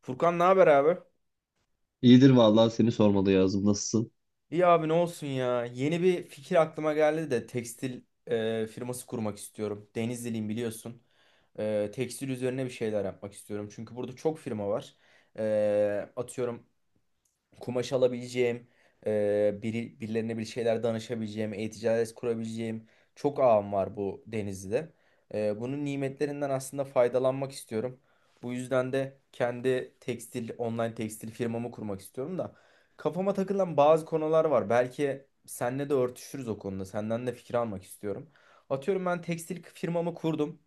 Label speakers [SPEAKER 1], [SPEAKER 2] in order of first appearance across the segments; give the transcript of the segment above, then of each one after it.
[SPEAKER 1] Furkan ne haber abi?
[SPEAKER 2] İyidir vallahi seni sormalı yazdım. Nasılsın?
[SPEAKER 1] İyi abi ne olsun ya. Yeni bir fikir aklıma geldi de tekstil firması kurmak istiyorum. Denizliliyim biliyorsun. Tekstil üzerine bir şeyler yapmak istiyorum. Çünkü burada çok firma var. Atıyorum kumaş alabileceğim, birilerine bir şeyler danışabileceğim, e-ticaret kurabileceğim çok ağım var bu Denizli'de. Bunun nimetlerinden aslında faydalanmak istiyorum. Bu yüzden de kendi online tekstil firmamı kurmak istiyorum da kafama takılan bazı konular var. Belki seninle de örtüşürüz o konuda. Senden de fikir almak istiyorum. Atıyorum ben tekstil firmamı kurdum.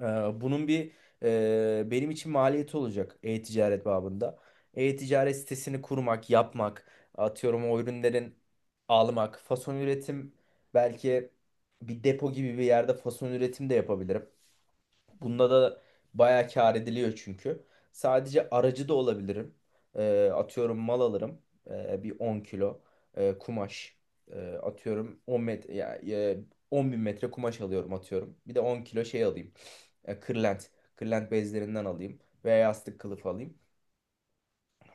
[SPEAKER 1] Bunun bir benim için maliyeti olacak e-ticaret babında. E-ticaret sitesini kurmak, yapmak, atıyorum o ürünlerin almak, fason üretim belki bir depo gibi bir yerde fason üretim de yapabilirim. Bunda da bayağı kâr ediliyor çünkü. Sadece aracı da olabilirim. Atıyorum mal alırım. Bir 10 kilo kumaş. Atıyorum 10 metre, ya, 10 bin metre kumaş alıyorum atıyorum. Bir de 10 kilo şey alayım. Kırlent. Kırlent bezlerinden alayım. Veya yastık kılıfı alayım.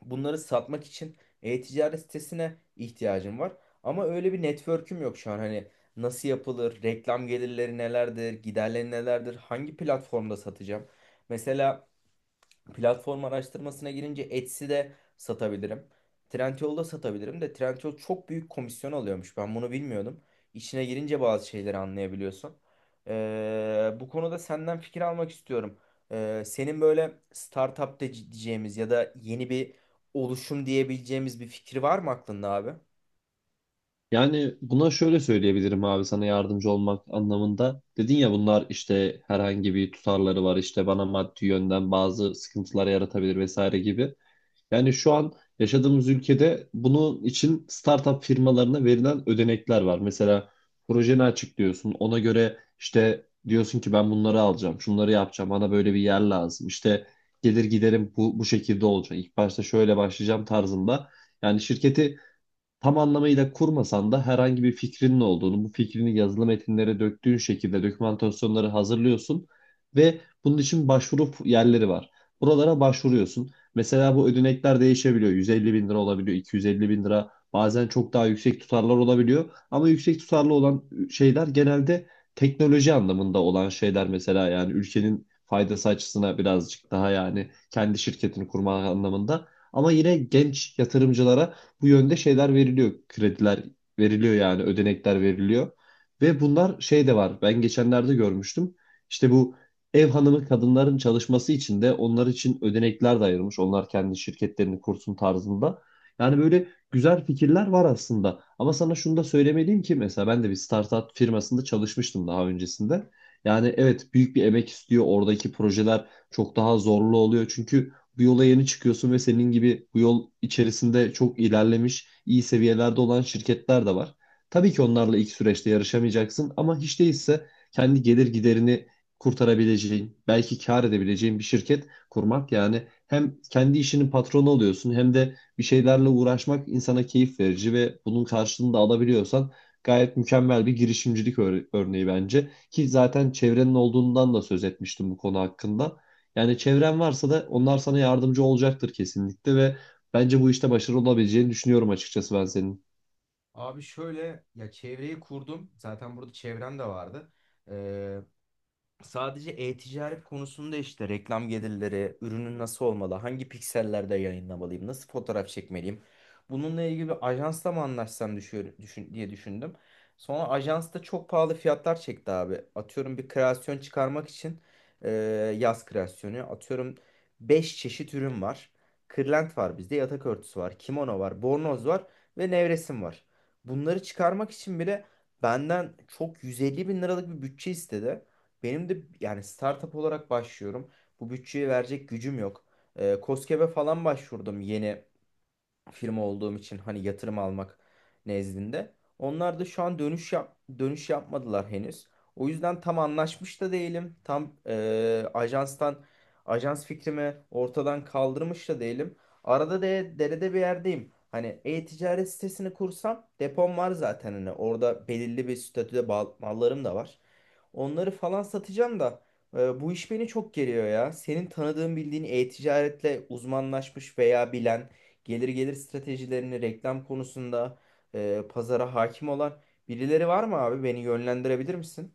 [SPEAKER 1] Bunları satmak için e-ticaret sitesine ihtiyacım var. Ama öyle bir network'üm yok şu an. Hani nasıl yapılır, reklam gelirleri nelerdir, giderleri nelerdir, hangi platformda satacağım? Mesela platform araştırmasına girince Etsy'de satabilirim. Trendyol'da satabilirim de Trendyol çok büyük komisyon alıyormuş. Ben bunu bilmiyordum. İçine girince bazı şeyleri anlayabiliyorsun. Bu konuda senden fikir almak istiyorum. Senin böyle startup diyeceğimiz ya da yeni bir oluşum diyebileceğimiz bir fikir var mı aklında abi?
[SPEAKER 2] Yani buna şöyle söyleyebilirim abi sana yardımcı olmak anlamında. Dedin ya bunlar işte herhangi bir tutarları var işte bana maddi yönden bazı sıkıntılar yaratabilir vesaire gibi. Yani şu an yaşadığımız ülkede bunun için startup firmalarına verilen ödenekler var. Mesela projeni açıklıyorsun. Ona göre işte diyorsun ki ben bunları alacağım, şunları yapacağım. Bana böyle bir yer lazım. İşte gelir giderim bu şekilde olacak. İlk başta şöyle başlayacağım tarzında. Yani şirketi tam anlamıyla kurmasan da herhangi bir fikrinin olduğunu, bu fikrini yazılı metinlere döktüğün şekilde dokümantasyonları hazırlıyorsun ve bunun için başvuru yerleri var. Buralara başvuruyorsun. Mesela bu ödenekler değişebiliyor. 150 bin lira olabiliyor, 250 bin lira. Bazen çok daha yüksek tutarlar olabiliyor. Ama yüksek tutarlı olan şeyler genelde teknoloji anlamında olan şeyler mesela yani ülkenin faydası açısına birazcık daha yani kendi şirketini kurma anlamında. Ama yine genç yatırımcılara bu yönde şeyler veriliyor. Krediler veriliyor yani ödenekler veriliyor. Ve bunlar şey de var. Ben geçenlerde görmüştüm. İşte bu ev hanımı kadınların çalışması için de onlar için ödenekler de ayırmış. Onlar kendi şirketlerini kursun tarzında. Yani böyle güzel fikirler var aslında. Ama sana şunu da söylemeliyim ki mesela ben de bir startup firmasında çalışmıştım daha öncesinde. Yani evet büyük bir emek istiyor. Oradaki projeler çok daha zorlu oluyor. Çünkü bu yola yeni çıkıyorsun ve senin gibi bu yol içerisinde çok ilerlemiş, iyi seviyelerde olan şirketler de var. Tabii ki onlarla ilk süreçte yarışamayacaksın ama hiç değilse kendi gelir giderini kurtarabileceğin, belki kar edebileceğin bir şirket kurmak yani hem kendi işinin patronu oluyorsun hem de bir şeylerle uğraşmak insana keyif verici ve bunun karşılığını da alabiliyorsan gayet mükemmel bir girişimcilik örneği bence ki zaten çevrenin olduğundan da söz etmiştim bu konu hakkında. Yani çevren varsa da onlar sana yardımcı olacaktır kesinlikle ve bence bu işte başarılı olabileceğini düşünüyorum açıkçası ben senin.
[SPEAKER 1] Abi şöyle ya çevreyi kurdum. Zaten burada çevrem de vardı. Sadece e-ticaret konusunda işte reklam gelirleri, ürünün nasıl olmalı, hangi piksellerde yayınlamalıyım, nasıl fotoğraf çekmeliyim. Bununla ilgili bir ajansla mı anlaşsam diye düşündüm. Sonra ajans da çok pahalı fiyatlar çekti abi. Atıyorum bir kreasyon çıkarmak için e, yaz kreasyonu. Atıyorum 5 çeşit ürün var. Kırlent var bizde, yatak örtüsü var, kimono var, bornoz var ve nevresim var. Bunları çıkarmak için bile benden çok 150 bin liralık bir bütçe istedi. Benim de yani startup olarak başlıyorum. Bu bütçeye verecek gücüm yok. KOSGEB'e falan başvurdum yeni firma olduğum için hani yatırım almak nezdinde. Onlar da şu an dönüş yapmadılar henüz. O yüzden tam anlaşmış da değilim. Tam ajans fikrimi ortadan kaldırmış da değilim. Arada derede bir yerdeyim. Hani e-ticaret sitesini kursam depom var zaten hani orada belirli bir statüde mallarım da var. Onları falan satacağım da bu iş beni çok geriyor ya. Senin tanıdığın bildiğin e-ticaretle uzmanlaşmış veya bilen gelir stratejilerini reklam konusunda pazara hakim olan birileri var mı abi? Beni yönlendirebilir misin?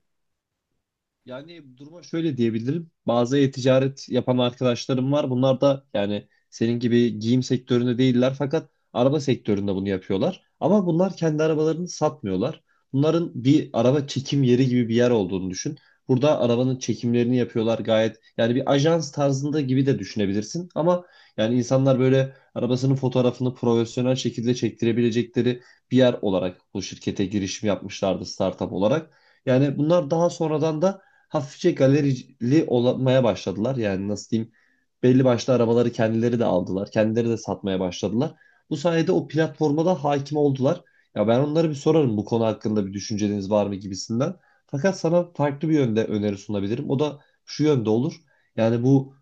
[SPEAKER 2] Yani duruma şöyle diyebilirim. Bazı e-ticaret yapan arkadaşlarım var. Bunlar da yani senin gibi giyim sektöründe değiller fakat araba sektöründe bunu yapıyorlar. Ama bunlar kendi arabalarını satmıyorlar. Bunların bir araba çekim yeri gibi bir yer olduğunu düşün. Burada arabanın çekimlerini yapıyorlar gayet. Yani bir ajans tarzında gibi de düşünebilirsin. Ama yani insanlar böyle arabasının fotoğrafını profesyonel şekilde çektirebilecekleri bir yer olarak bu şirkete girişim yapmışlardı startup olarak. Yani bunlar daha sonradan da hafifçe galerili olmaya başladılar. Yani nasıl diyeyim belli başlı arabaları kendileri de aldılar. Kendileri de satmaya başladılar. Bu sayede o platforma da hakim oldular. Ya ben onlara bir sorarım bu konu hakkında bir düşünceniz var mı gibisinden. Fakat sana farklı bir yönde öneri sunabilirim. O da şu yönde olur. Yani bu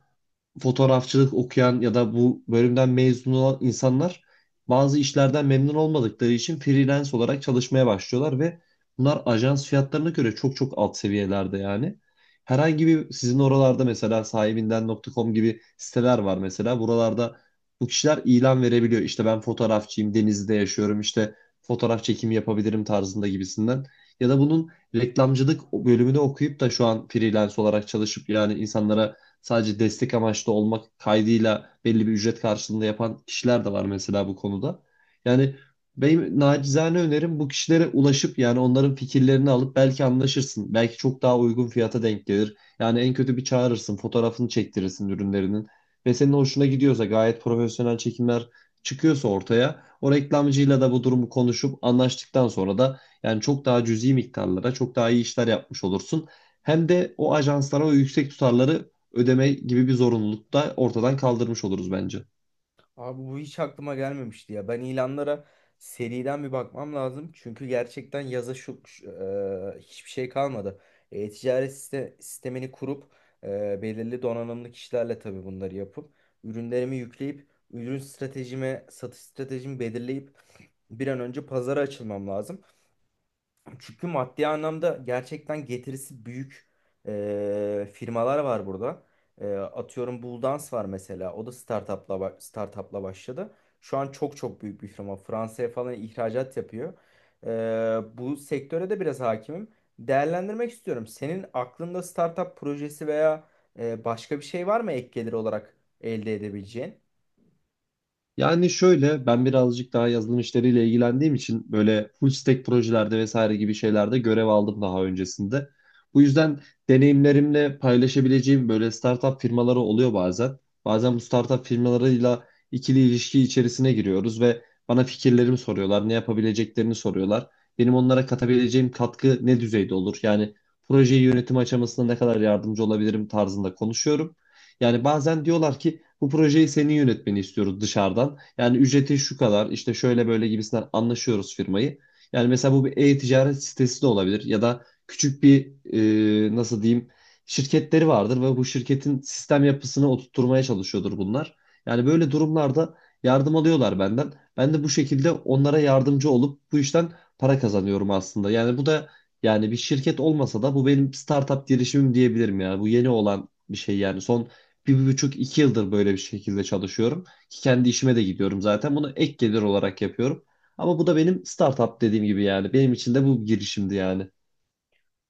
[SPEAKER 2] fotoğrafçılık okuyan ya da bu bölümden mezun olan insanlar bazı işlerden memnun olmadıkları için freelance olarak çalışmaya başlıyorlar ve bunlar ajans fiyatlarına göre çok çok alt seviyelerde yani. Herhangi bir sizin oralarda mesela sahibinden.com gibi siteler var mesela. Buralarda bu kişiler ilan verebiliyor. İşte ben fotoğrafçıyım, Denizli'de yaşıyorum, işte fotoğraf çekimi yapabilirim tarzında gibisinden. Ya da bunun reklamcılık bölümünü okuyup da şu an freelance olarak çalışıp yani insanlara sadece destek amaçlı olmak kaydıyla belli bir ücret karşılığında yapan kişiler de var mesela bu konuda. Yani benim nacizane önerim bu kişilere ulaşıp yani onların fikirlerini alıp belki anlaşırsın. Belki çok daha uygun fiyata denk gelir. Yani en kötü bir çağırırsın, fotoğrafını çektirirsin ürünlerinin. Ve senin hoşuna gidiyorsa gayet profesyonel çekimler çıkıyorsa ortaya o reklamcıyla da bu durumu konuşup anlaştıktan sonra da yani çok daha cüzi miktarlara çok daha iyi işler yapmış olursun. Hem de o ajanslara o yüksek tutarları ödeme gibi bir zorunluluk da ortadan kaldırmış oluruz bence.
[SPEAKER 1] Abi bu hiç aklıma gelmemişti ya. Ben ilanlara seriden bir bakmam lazım. Çünkü gerçekten yaza hiçbir şey kalmadı. Ticaret sistemini kurup belirli donanımlı kişilerle tabii bunları yapıp ürünlerimi yükleyip ürün stratejime, satış stratejimi belirleyip bir an önce pazara açılmam lazım. Çünkü maddi anlamda gerçekten getirisi büyük firmalar var burada. Atıyorum Bulldance var mesela. O da startup'la başladı. Şu an çok çok büyük bir firma. Fransa'ya falan ihracat yapıyor. Bu sektöre de biraz hakimim. Değerlendirmek istiyorum. Senin aklında startup projesi veya başka bir şey var mı ek gelir olarak elde edebileceğin?
[SPEAKER 2] Yani şöyle ben birazcık daha yazılım işleriyle ilgilendiğim için böyle full stack projelerde vesaire gibi şeylerde görev aldım daha öncesinde. Bu yüzden deneyimlerimle paylaşabileceğim böyle startup firmaları oluyor bazen. Bazen bu startup firmalarıyla ikili ilişki içerisine giriyoruz ve bana fikirlerimi soruyorlar, ne yapabileceklerini soruyorlar. Benim onlara katabileceğim katkı ne düzeyde olur? Yani projeyi yönetim aşamasında ne kadar yardımcı olabilirim tarzında konuşuyorum. Yani bazen diyorlar ki bu projeyi senin yönetmeni istiyoruz dışarıdan. Yani ücreti şu kadar işte şöyle böyle gibisinden anlaşıyoruz firmayı. Yani mesela bu bir e-ticaret sitesi de olabilir ya da küçük bir nasıl diyeyim şirketleri vardır ve bu şirketin sistem yapısını oturtmaya çalışıyordur bunlar. Yani böyle durumlarda yardım alıyorlar benden. Ben de bu şekilde onlara yardımcı olup bu işten para kazanıyorum aslında. Yani bu da yani bir şirket olmasa da bu benim startup girişimim diyebilirim ya. Bu yeni olan bir şey yani. Son bir, bir buçuk iki yıldır böyle bir şekilde çalışıyorum. Ki kendi işime de gidiyorum zaten. Bunu ek gelir olarak yapıyorum. Ama bu da benim startup dediğim gibi yani. Benim için de bu bir girişimdi yani.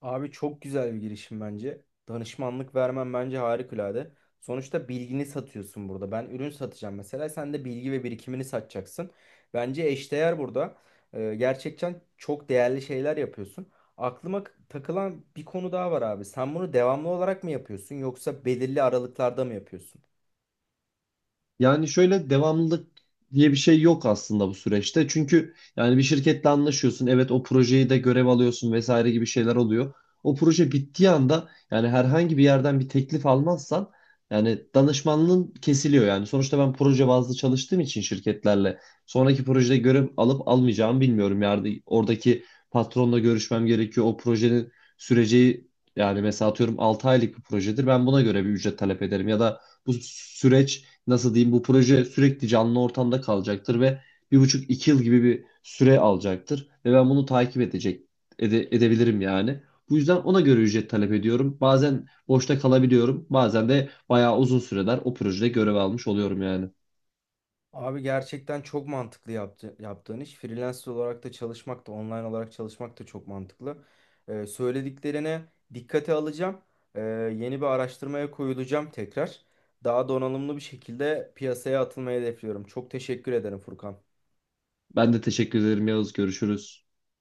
[SPEAKER 1] Abi çok güzel bir girişim bence. Danışmanlık vermen bence harikulade. Sonuçta bilgini satıyorsun burada. Ben ürün satacağım mesela. Sen de bilgi ve birikimini satacaksın. Bence eşdeğer burada. Gerçekten çok değerli şeyler yapıyorsun. Aklıma takılan bir konu daha var abi. Sen bunu devamlı olarak mı yapıyorsun yoksa belirli aralıklarda mı yapıyorsun?
[SPEAKER 2] Yani şöyle devamlılık diye bir şey yok aslında bu süreçte. Çünkü yani bir şirketle anlaşıyorsun. Evet o projeyi de görev alıyorsun vesaire gibi şeyler oluyor. O proje bittiği anda yani herhangi bir yerden bir teklif almazsan yani danışmanlığın kesiliyor yani. Sonuçta ben proje bazlı çalıştığım için şirketlerle sonraki projede görev alıp almayacağımı bilmiyorum. Yani oradaki patronla görüşmem gerekiyor. O projenin süreci yani mesela atıyorum 6 aylık bir projedir. Ben buna göre bir ücret talep ederim ya da bu süreç nasıl diyeyim bu proje sürekli canlı ortamda kalacaktır ve bir buçuk iki yıl gibi bir süre alacaktır ve ben bunu takip edecek edebilirim yani. Bu yüzden ona göre ücret talep ediyorum. Bazen boşta kalabiliyorum. Bazen de bayağı uzun süreler o projede görev almış oluyorum yani.
[SPEAKER 1] Abi gerçekten çok mantıklı yaptığın iş. Freelancer olarak da çalışmak da online olarak çalışmak da çok mantıklı. Söylediklerine dikkate alacağım. Ee, yeni bir araştırmaya koyulacağım tekrar. Daha donanımlı bir şekilde piyasaya atılmayı hedefliyorum. Çok teşekkür ederim Furkan.
[SPEAKER 2] Ben de teşekkür ederim Yavuz. Görüşürüz.